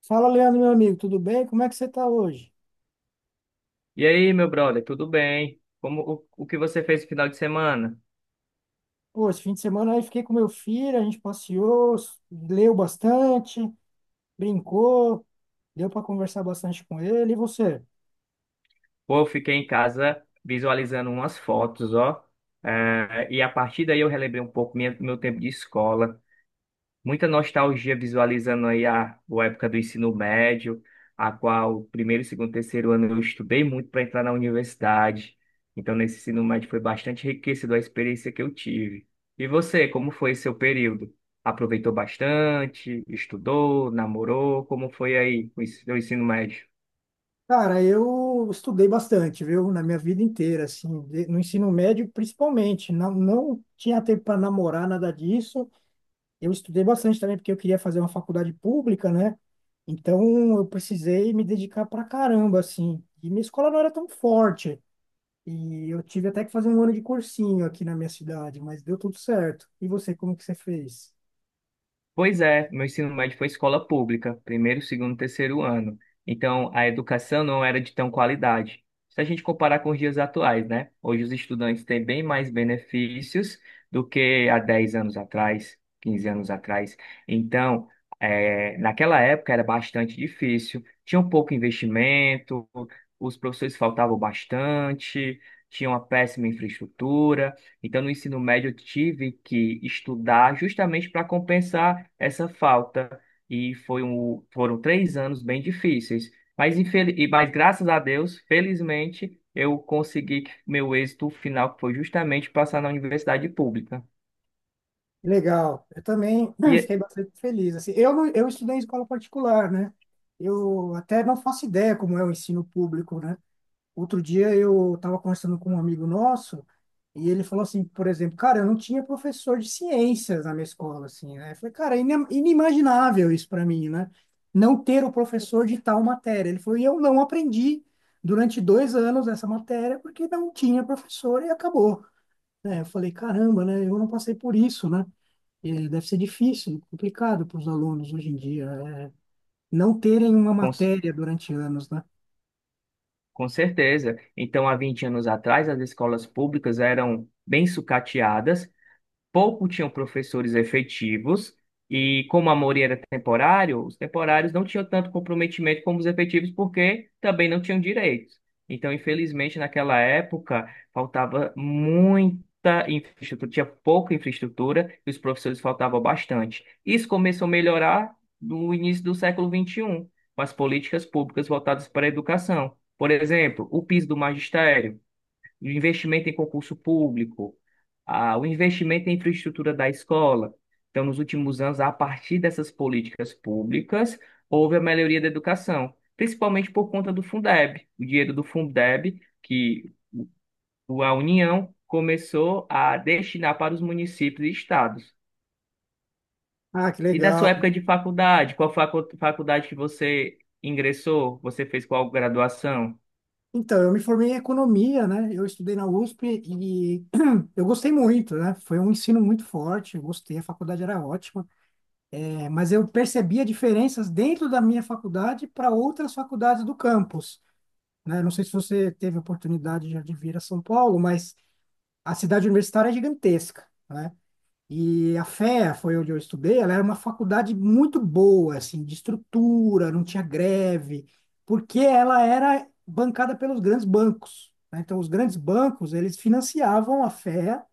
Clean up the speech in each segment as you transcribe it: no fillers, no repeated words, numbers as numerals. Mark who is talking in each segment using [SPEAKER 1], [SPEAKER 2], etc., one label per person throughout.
[SPEAKER 1] Fala, Leandro, meu amigo, tudo bem? Como é que você está hoje?
[SPEAKER 2] E aí, meu brother, tudo bem? Como o que você fez no final de semana?
[SPEAKER 1] Pô, esse fim de semana aí fiquei com meu filho, a gente passeou, leu bastante, brincou, deu para conversar bastante com ele. E você?
[SPEAKER 2] Pô, eu fiquei em casa visualizando umas fotos, ó. É, e a partir daí eu relembrei um pouco meu tempo de escola. Muita nostalgia visualizando aí a época do ensino médio, a qual primeiro, segundo, terceiro ano eu estudei muito para entrar na universidade. Então, nesse ensino médio foi bastante enriquecido a experiência que eu tive. E você, como foi seu período? Aproveitou bastante? Estudou? Namorou? Como foi aí o seu ensino médio?
[SPEAKER 1] Cara, eu estudei bastante, viu? Na minha vida inteira, assim, no ensino médio principalmente. Não tinha tempo para namorar, nada disso. Eu estudei bastante também porque eu queria fazer uma faculdade pública, né? Então eu precisei me dedicar pra caramba, assim. E minha escola não era tão forte. E eu tive até que fazer um ano de cursinho aqui na minha cidade, mas deu tudo certo. E você, como que você fez?
[SPEAKER 2] Pois é, meu ensino médio foi escola pública, primeiro, segundo, terceiro ano. Então, a educação não era de tão qualidade. Se a gente comparar com os dias atuais, né? Hoje os estudantes têm bem mais benefícios do que há 10 anos atrás, 15 anos atrás. Então, naquela época era bastante difícil, tinha um pouco investimento, os professores faltavam bastante, tinha uma péssima infraestrutura. Então, no ensino médio, eu tive que estudar justamente para compensar essa falta. E foram três anos bem difíceis. Mas, graças a Deus, felizmente, eu consegui que meu êxito final, que foi justamente passar na universidade pública.
[SPEAKER 1] Legal. Eu também
[SPEAKER 2] E
[SPEAKER 1] fiquei
[SPEAKER 2] é-
[SPEAKER 1] bastante feliz. Assim, eu, não- eu estudei em escola particular, né? Eu até não faço ideia como é o ensino público, né? Outro dia eu estava conversando com um amigo nosso e ele falou assim, por exemplo, cara, eu não tinha professor de ciências na minha escola, assim, né? Eu falei, cara, é inimaginável isso para mim, né? Não ter o professor de tal matéria. Ele falou, e eu não aprendi durante dois anos essa matéria porque não tinha professor e acabou, né? Eu falei, caramba, né? Eu não passei por isso, né? E deve ser difícil, complicado para os alunos hoje em dia, é, não terem uma
[SPEAKER 2] com, c-
[SPEAKER 1] matéria durante anos, né?
[SPEAKER 2] com certeza. Então, há 20 anos atrás, as escolas públicas eram bem sucateadas, pouco tinham professores efetivos, e como a maioria era temporário, os temporários não tinham tanto comprometimento como os efetivos, porque também não tinham direitos. Então, infelizmente, naquela época, faltava muita infraestrutura, tinha pouca infraestrutura e os professores faltavam bastante. Isso começou a melhorar no início do século XXI, com as políticas públicas voltadas para a educação. Por exemplo, o piso do magistério, o investimento em concurso público, ah, o investimento em infraestrutura da escola. Então, nos últimos anos, a partir dessas políticas públicas, houve a melhoria da educação, principalmente por conta do Fundeb, o dinheiro do Fundeb, que a União começou a destinar para os municípios e estados.
[SPEAKER 1] Ah, que
[SPEAKER 2] E na
[SPEAKER 1] legal.
[SPEAKER 2] sua época de faculdade, faculdade que você ingressou? Você fez qual graduação?
[SPEAKER 1] Então, eu me formei em economia, né? Eu estudei na USP e eu gostei muito, né? Foi um ensino muito forte, eu gostei, a faculdade era ótima. É, mas eu percebia diferenças dentro da minha faculdade para outras faculdades do campus, né? Não sei se você teve oportunidade já de vir a São Paulo, mas a cidade universitária é gigantesca, né? E a FEA foi onde eu estudei, ela era uma faculdade muito boa, assim, de estrutura, não tinha greve, porque ela era bancada pelos grandes bancos, né? Então, os grandes bancos, eles financiavam a FEA,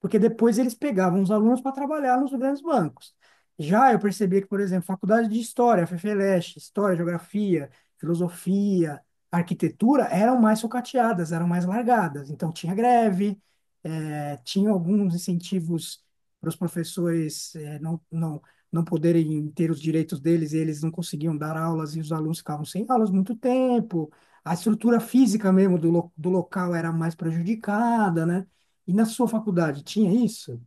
[SPEAKER 1] porque depois eles pegavam os alunos para trabalhar nos grandes bancos. Já eu percebi que, por exemplo, faculdade de História, FFLeste, História, Geografia, Filosofia, Arquitetura, eram mais sucateadas, eram mais largadas. Então, tinha greve, tinha alguns incentivos para os professores não poderem ter os direitos deles e eles não conseguiam dar aulas e os alunos ficavam sem aulas muito tempo. A estrutura física mesmo do local era mais prejudicada, né? E na sua faculdade tinha isso?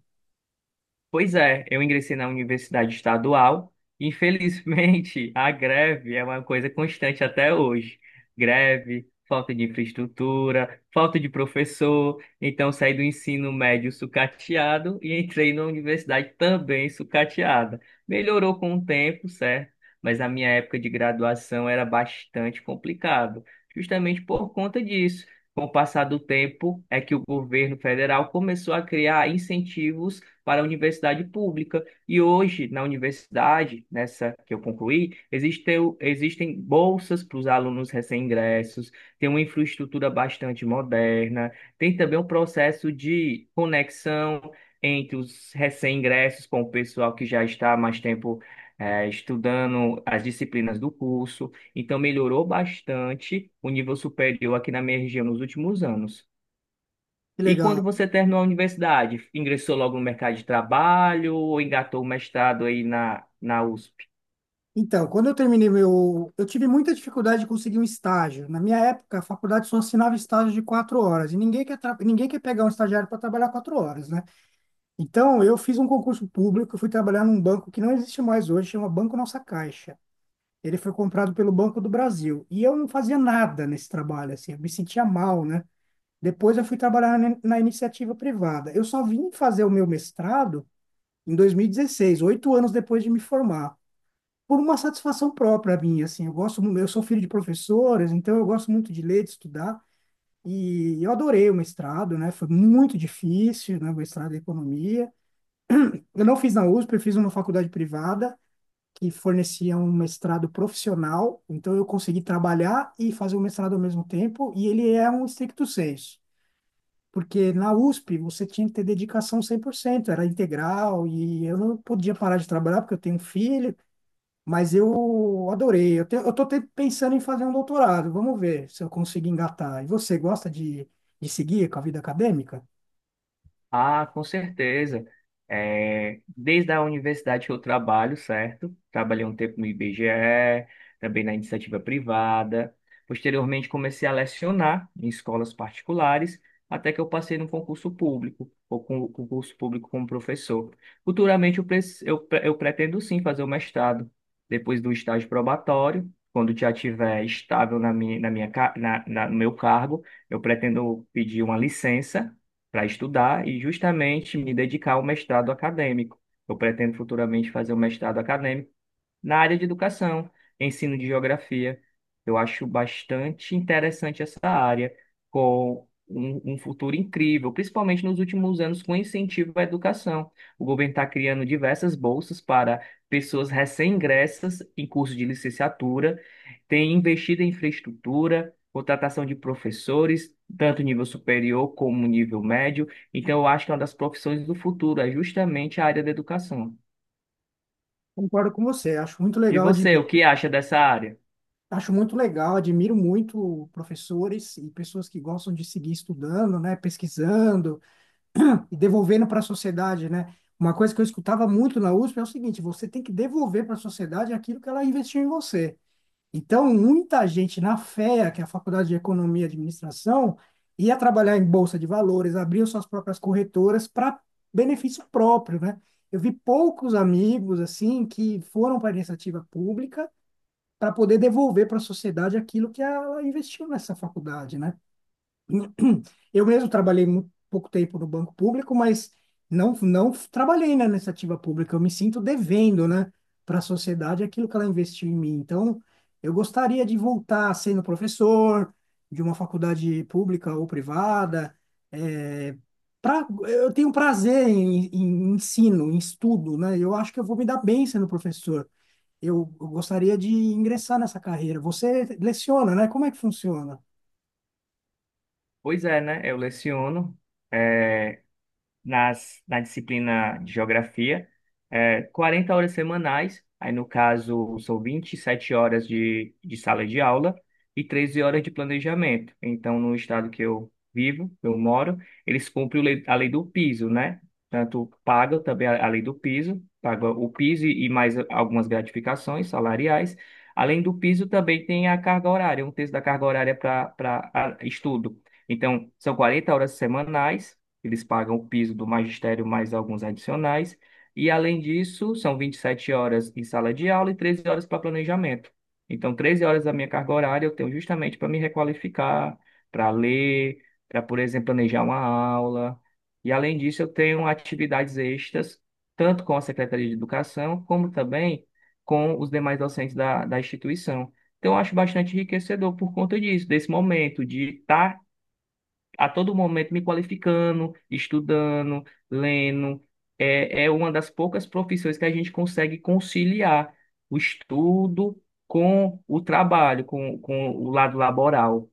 [SPEAKER 2] Pois é, eu ingressei na universidade estadual. Infelizmente, a greve é uma coisa constante até hoje. Greve, falta de infraestrutura, falta de professor. Então, saí do ensino médio sucateado e entrei na universidade também sucateada. Melhorou com o tempo, certo? Mas a minha época de graduação era bastante complicado, justamente por conta disso. Com o passar do tempo, é que o governo federal começou a criar incentivos para a universidade pública. E hoje, na universidade, nessa que eu concluí, existem bolsas para os alunos recém-ingressos, tem uma infraestrutura bastante moderna, tem também um processo de conexão entre os recém-ingressos com o pessoal que já está há mais tempo. Eh, estudando as disciplinas do curso, então melhorou bastante o nível superior aqui na minha região nos últimos anos.
[SPEAKER 1] Que
[SPEAKER 2] E
[SPEAKER 1] legal.
[SPEAKER 2] quando você terminou a universidade, ingressou logo no mercado de trabalho ou engatou o mestrado aí na U S?
[SPEAKER 1] Então, quando eu terminei meu. Eu tive muita dificuldade de conseguir um estágio. Na minha época, a faculdade só assinava estágio de 4 horas. E ninguém quer pegar um estagiário para trabalhar 4 horas, né? Então, eu fiz um concurso público, eu fui trabalhar num banco que não existe mais hoje, chama Banco Nossa Caixa. Ele foi comprado pelo Banco do Brasil. E eu não fazia nada nesse trabalho, assim, eu me sentia mal, né? Depois eu fui trabalhar na iniciativa privada. Eu só vim fazer o meu mestrado em 2016, 8 anos depois de me formar, por uma satisfação própria minha, assim. Eu gosto, eu sou filho de professores, então eu gosto muito de ler, de estudar. E eu adorei o mestrado, né? Foi muito difícil, né? O mestrado em economia. Eu não fiz na USP, eu fiz uma faculdade privada que forneciam um mestrado profissional, então eu consegui trabalhar e fazer o mestrado ao mesmo tempo, e ele é um stricto sensu, porque na USP você tinha que ter dedicação 100%, era integral, e eu não podia parar de trabalhar porque eu tenho um filho, mas eu adorei. Eu, te, eu tô te- Pensando em fazer um doutorado, vamos ver se eu consigo engatar. E você gosta de seguir com a vida acadêmica?
[SPEAKER 2] Ah, com certeza. É, desde a universidade que eu trabalho, certo? Trabalhei um tempo no IBGE, também na iniciativa privada. Posteriormente, comecei a lecionar em escolas particulares, até que eu passei no concurso público, ou com concurso público como professor. Futuramente, eu pretendo sim fazer o mestrado, depois do estágio probatório. Quando já estiver estável na minha, ca- na, na- no meu cargo, eu pretendo pedir uma licença para estudar e justamente me dedicar ao mestrado acadêmico. Eu pretendo futuramente fazer um mestrado acadêmico na área de educação, ensino de geografia. Eu acho bastante interessante essa área, com um futuro incrível, principalmente nos últimos anos, com incentivo à educação. O governo está criando diversas bolsas para pessoas recém-ingressas em curso de licenciatura, tem investido em infraestrutura, contratação de professores, tanto nível superior como nível médio. Então, eu acho que é uma das profissões do futuro é justamente a área da educação.
[SPEAKER 1] Concordo com você, acho muito
[SPEAKER 2] E
[SPEAKER 1] legal,
[SPEAKER 2] você, o
[SPEAKER 1] admiro.
[SPEAKER 2] que acha dessa área?
[SPEAKER 1] Acho muito legal, admiro muito professores e pessoas que gostam de seguir estudando, né, pesquisando e devolvendo para a sociedade, né? Uma coisa que eu escutava muito na USP é o seguinte, você tem que devolver para a sociedade aquilo que ela investiu em você. Então, muita gente na FEA, que é a Faculdade de Economia e Administração, ia trabalhar em bolsa de valores, abriu suas próprias corretoras para benefício próprio, né? Eu vi poucos amigos assim que foram para a iniciativa pública para poder devolver para a sociedade aquilo que ela investiu nessa faculdade, né? Eu mesmo trabalhei muito pouco tempo no banco público, mas não trabalhei, né, na iniciativa pública. Eu me sinto devendo, né, para a sociedade aquilo que ela investiu em mim. Então, eu gostaria de voltar sendo professor de uma faculdade pública ou privada. É, eu tenho prazer em ensino, em estudo, né? Eu acho que eu vou me dar bem sendo professor, eu gostaria de ingressar nessa carreira. Você leciona, né? Como é que funciona?
[SPEAKER 2] Pois é, né? Eu leciono. é, Na disciplina de geografia, é, 40 horas semanais, aí no caso são 27 horas de sala de aula e 13 horas de planejamento. Então, no estado que eu vivo, eu moro, eles cumprem a lei do piso, né? Tanto pagam também a lei do piso, paga o piso e mais algumas gratificações salariais. Além do piso, também tem a carga horária, um terço da carga horária para estudo. Então, são 40 horas semanais, eles pagam o piso do magistério mais alguns adicionais. E, além disso, são 27 horas em sala de aula e 13 horas para planejamento. Então, 13 horas da minha carga horária eu tenho justamente para me requalificar, para ler, para, por exemplo, planejar uma aula. E, além disso, eu tenho atividades extras, tanto com a Secretaria de Educação, como também com os demais docentes da instituição. Então, eu acho bastante enriquecedor por conta disso, desse momento de estar a todo momento me qualificando, estudando, lendo. É, é uma das poucas profissões que a gente consegue conciliar o estudo com o trabalho, com o lado laboral.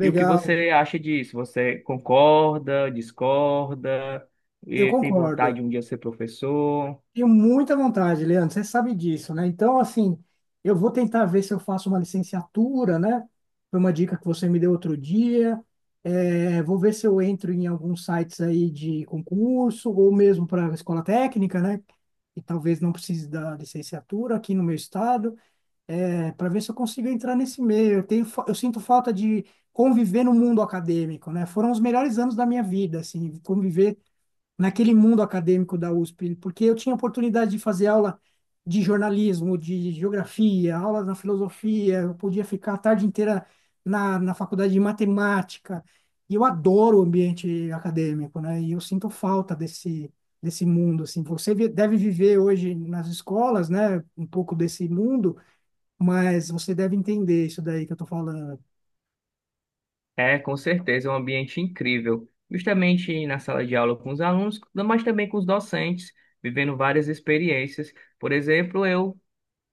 [SPEAKER 2] E o que você acha disso? Você concorda, discorda,
[SPEAKER 1] eu
[SPEAKER 2] e tem vontade
[SPEAKER 1] concordo.
[SPEAKER 2] de um dia ser professor?
[SPEAKER 1] Tenho muita vontade, Leandro, você sabe disso, né? Então, assim, eu vou tentar ver se eu faço uma licenciatura, né? Foi uma dica que você me deu outro dia. É, vou ver se eu entro em alguns sites aí de concurso, ou mesmo para a escola técnica, né? E talvez não precise da licenciatura aqui no meu estado, para ver se eu consigo entrar nesse meio. Eu sinto falta de conviver no mundo acadêmico, né? Foram os melhores anos da minha vida, assim, conviver naquele mundo acadêmico da USP, porque eu tinha oportunidade de fazer aula de jornalismo, de geografia, aula na filosofia, eu podia ficar a tarde inteira na faculdade de matemática. E eu adoro o ambiente acadêmico, né? E eu sinto falta desse mundo assim. Deve viver hoje nas escolas, né, um pouco desse mundo, mas você deve entender isso daí que eu tô falando.
[SPEAKER 2] É, com certeza, é um ambiente incrível. Justamente na sala de aula com os alunos, mas também com os docentes, vivendo várias experiências. Por exemplo, eu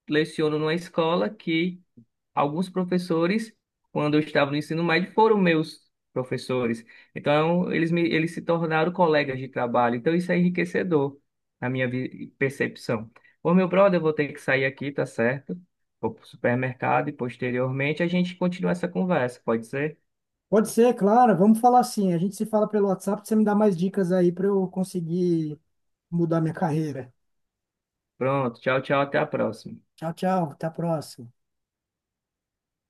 [SPEAKER 2] leciono numa escola que alguns professores, quando eu estava no ensino médio, foram meus professores. Então, eles se tornaram colegas de trabalho. Então, isso é enriquecedor na percepção. Ô, meu brother, eu vou ter que sair aqui, tá certo? Vou pro supermercado e posteriormente a gente continua essa conversa, pode ser?
[SPEAKER 1] Pode ser, claro, vamos falar assim. A gente se fala pelo WhatsApp, você me dá mais dicas aí para eu conseguir mudar minha carreira.
[SPEAKER 2] Pronto, tchau, tchau, até a próxima.
[SPEAKER 1] Tchau, tchau, até a próxima.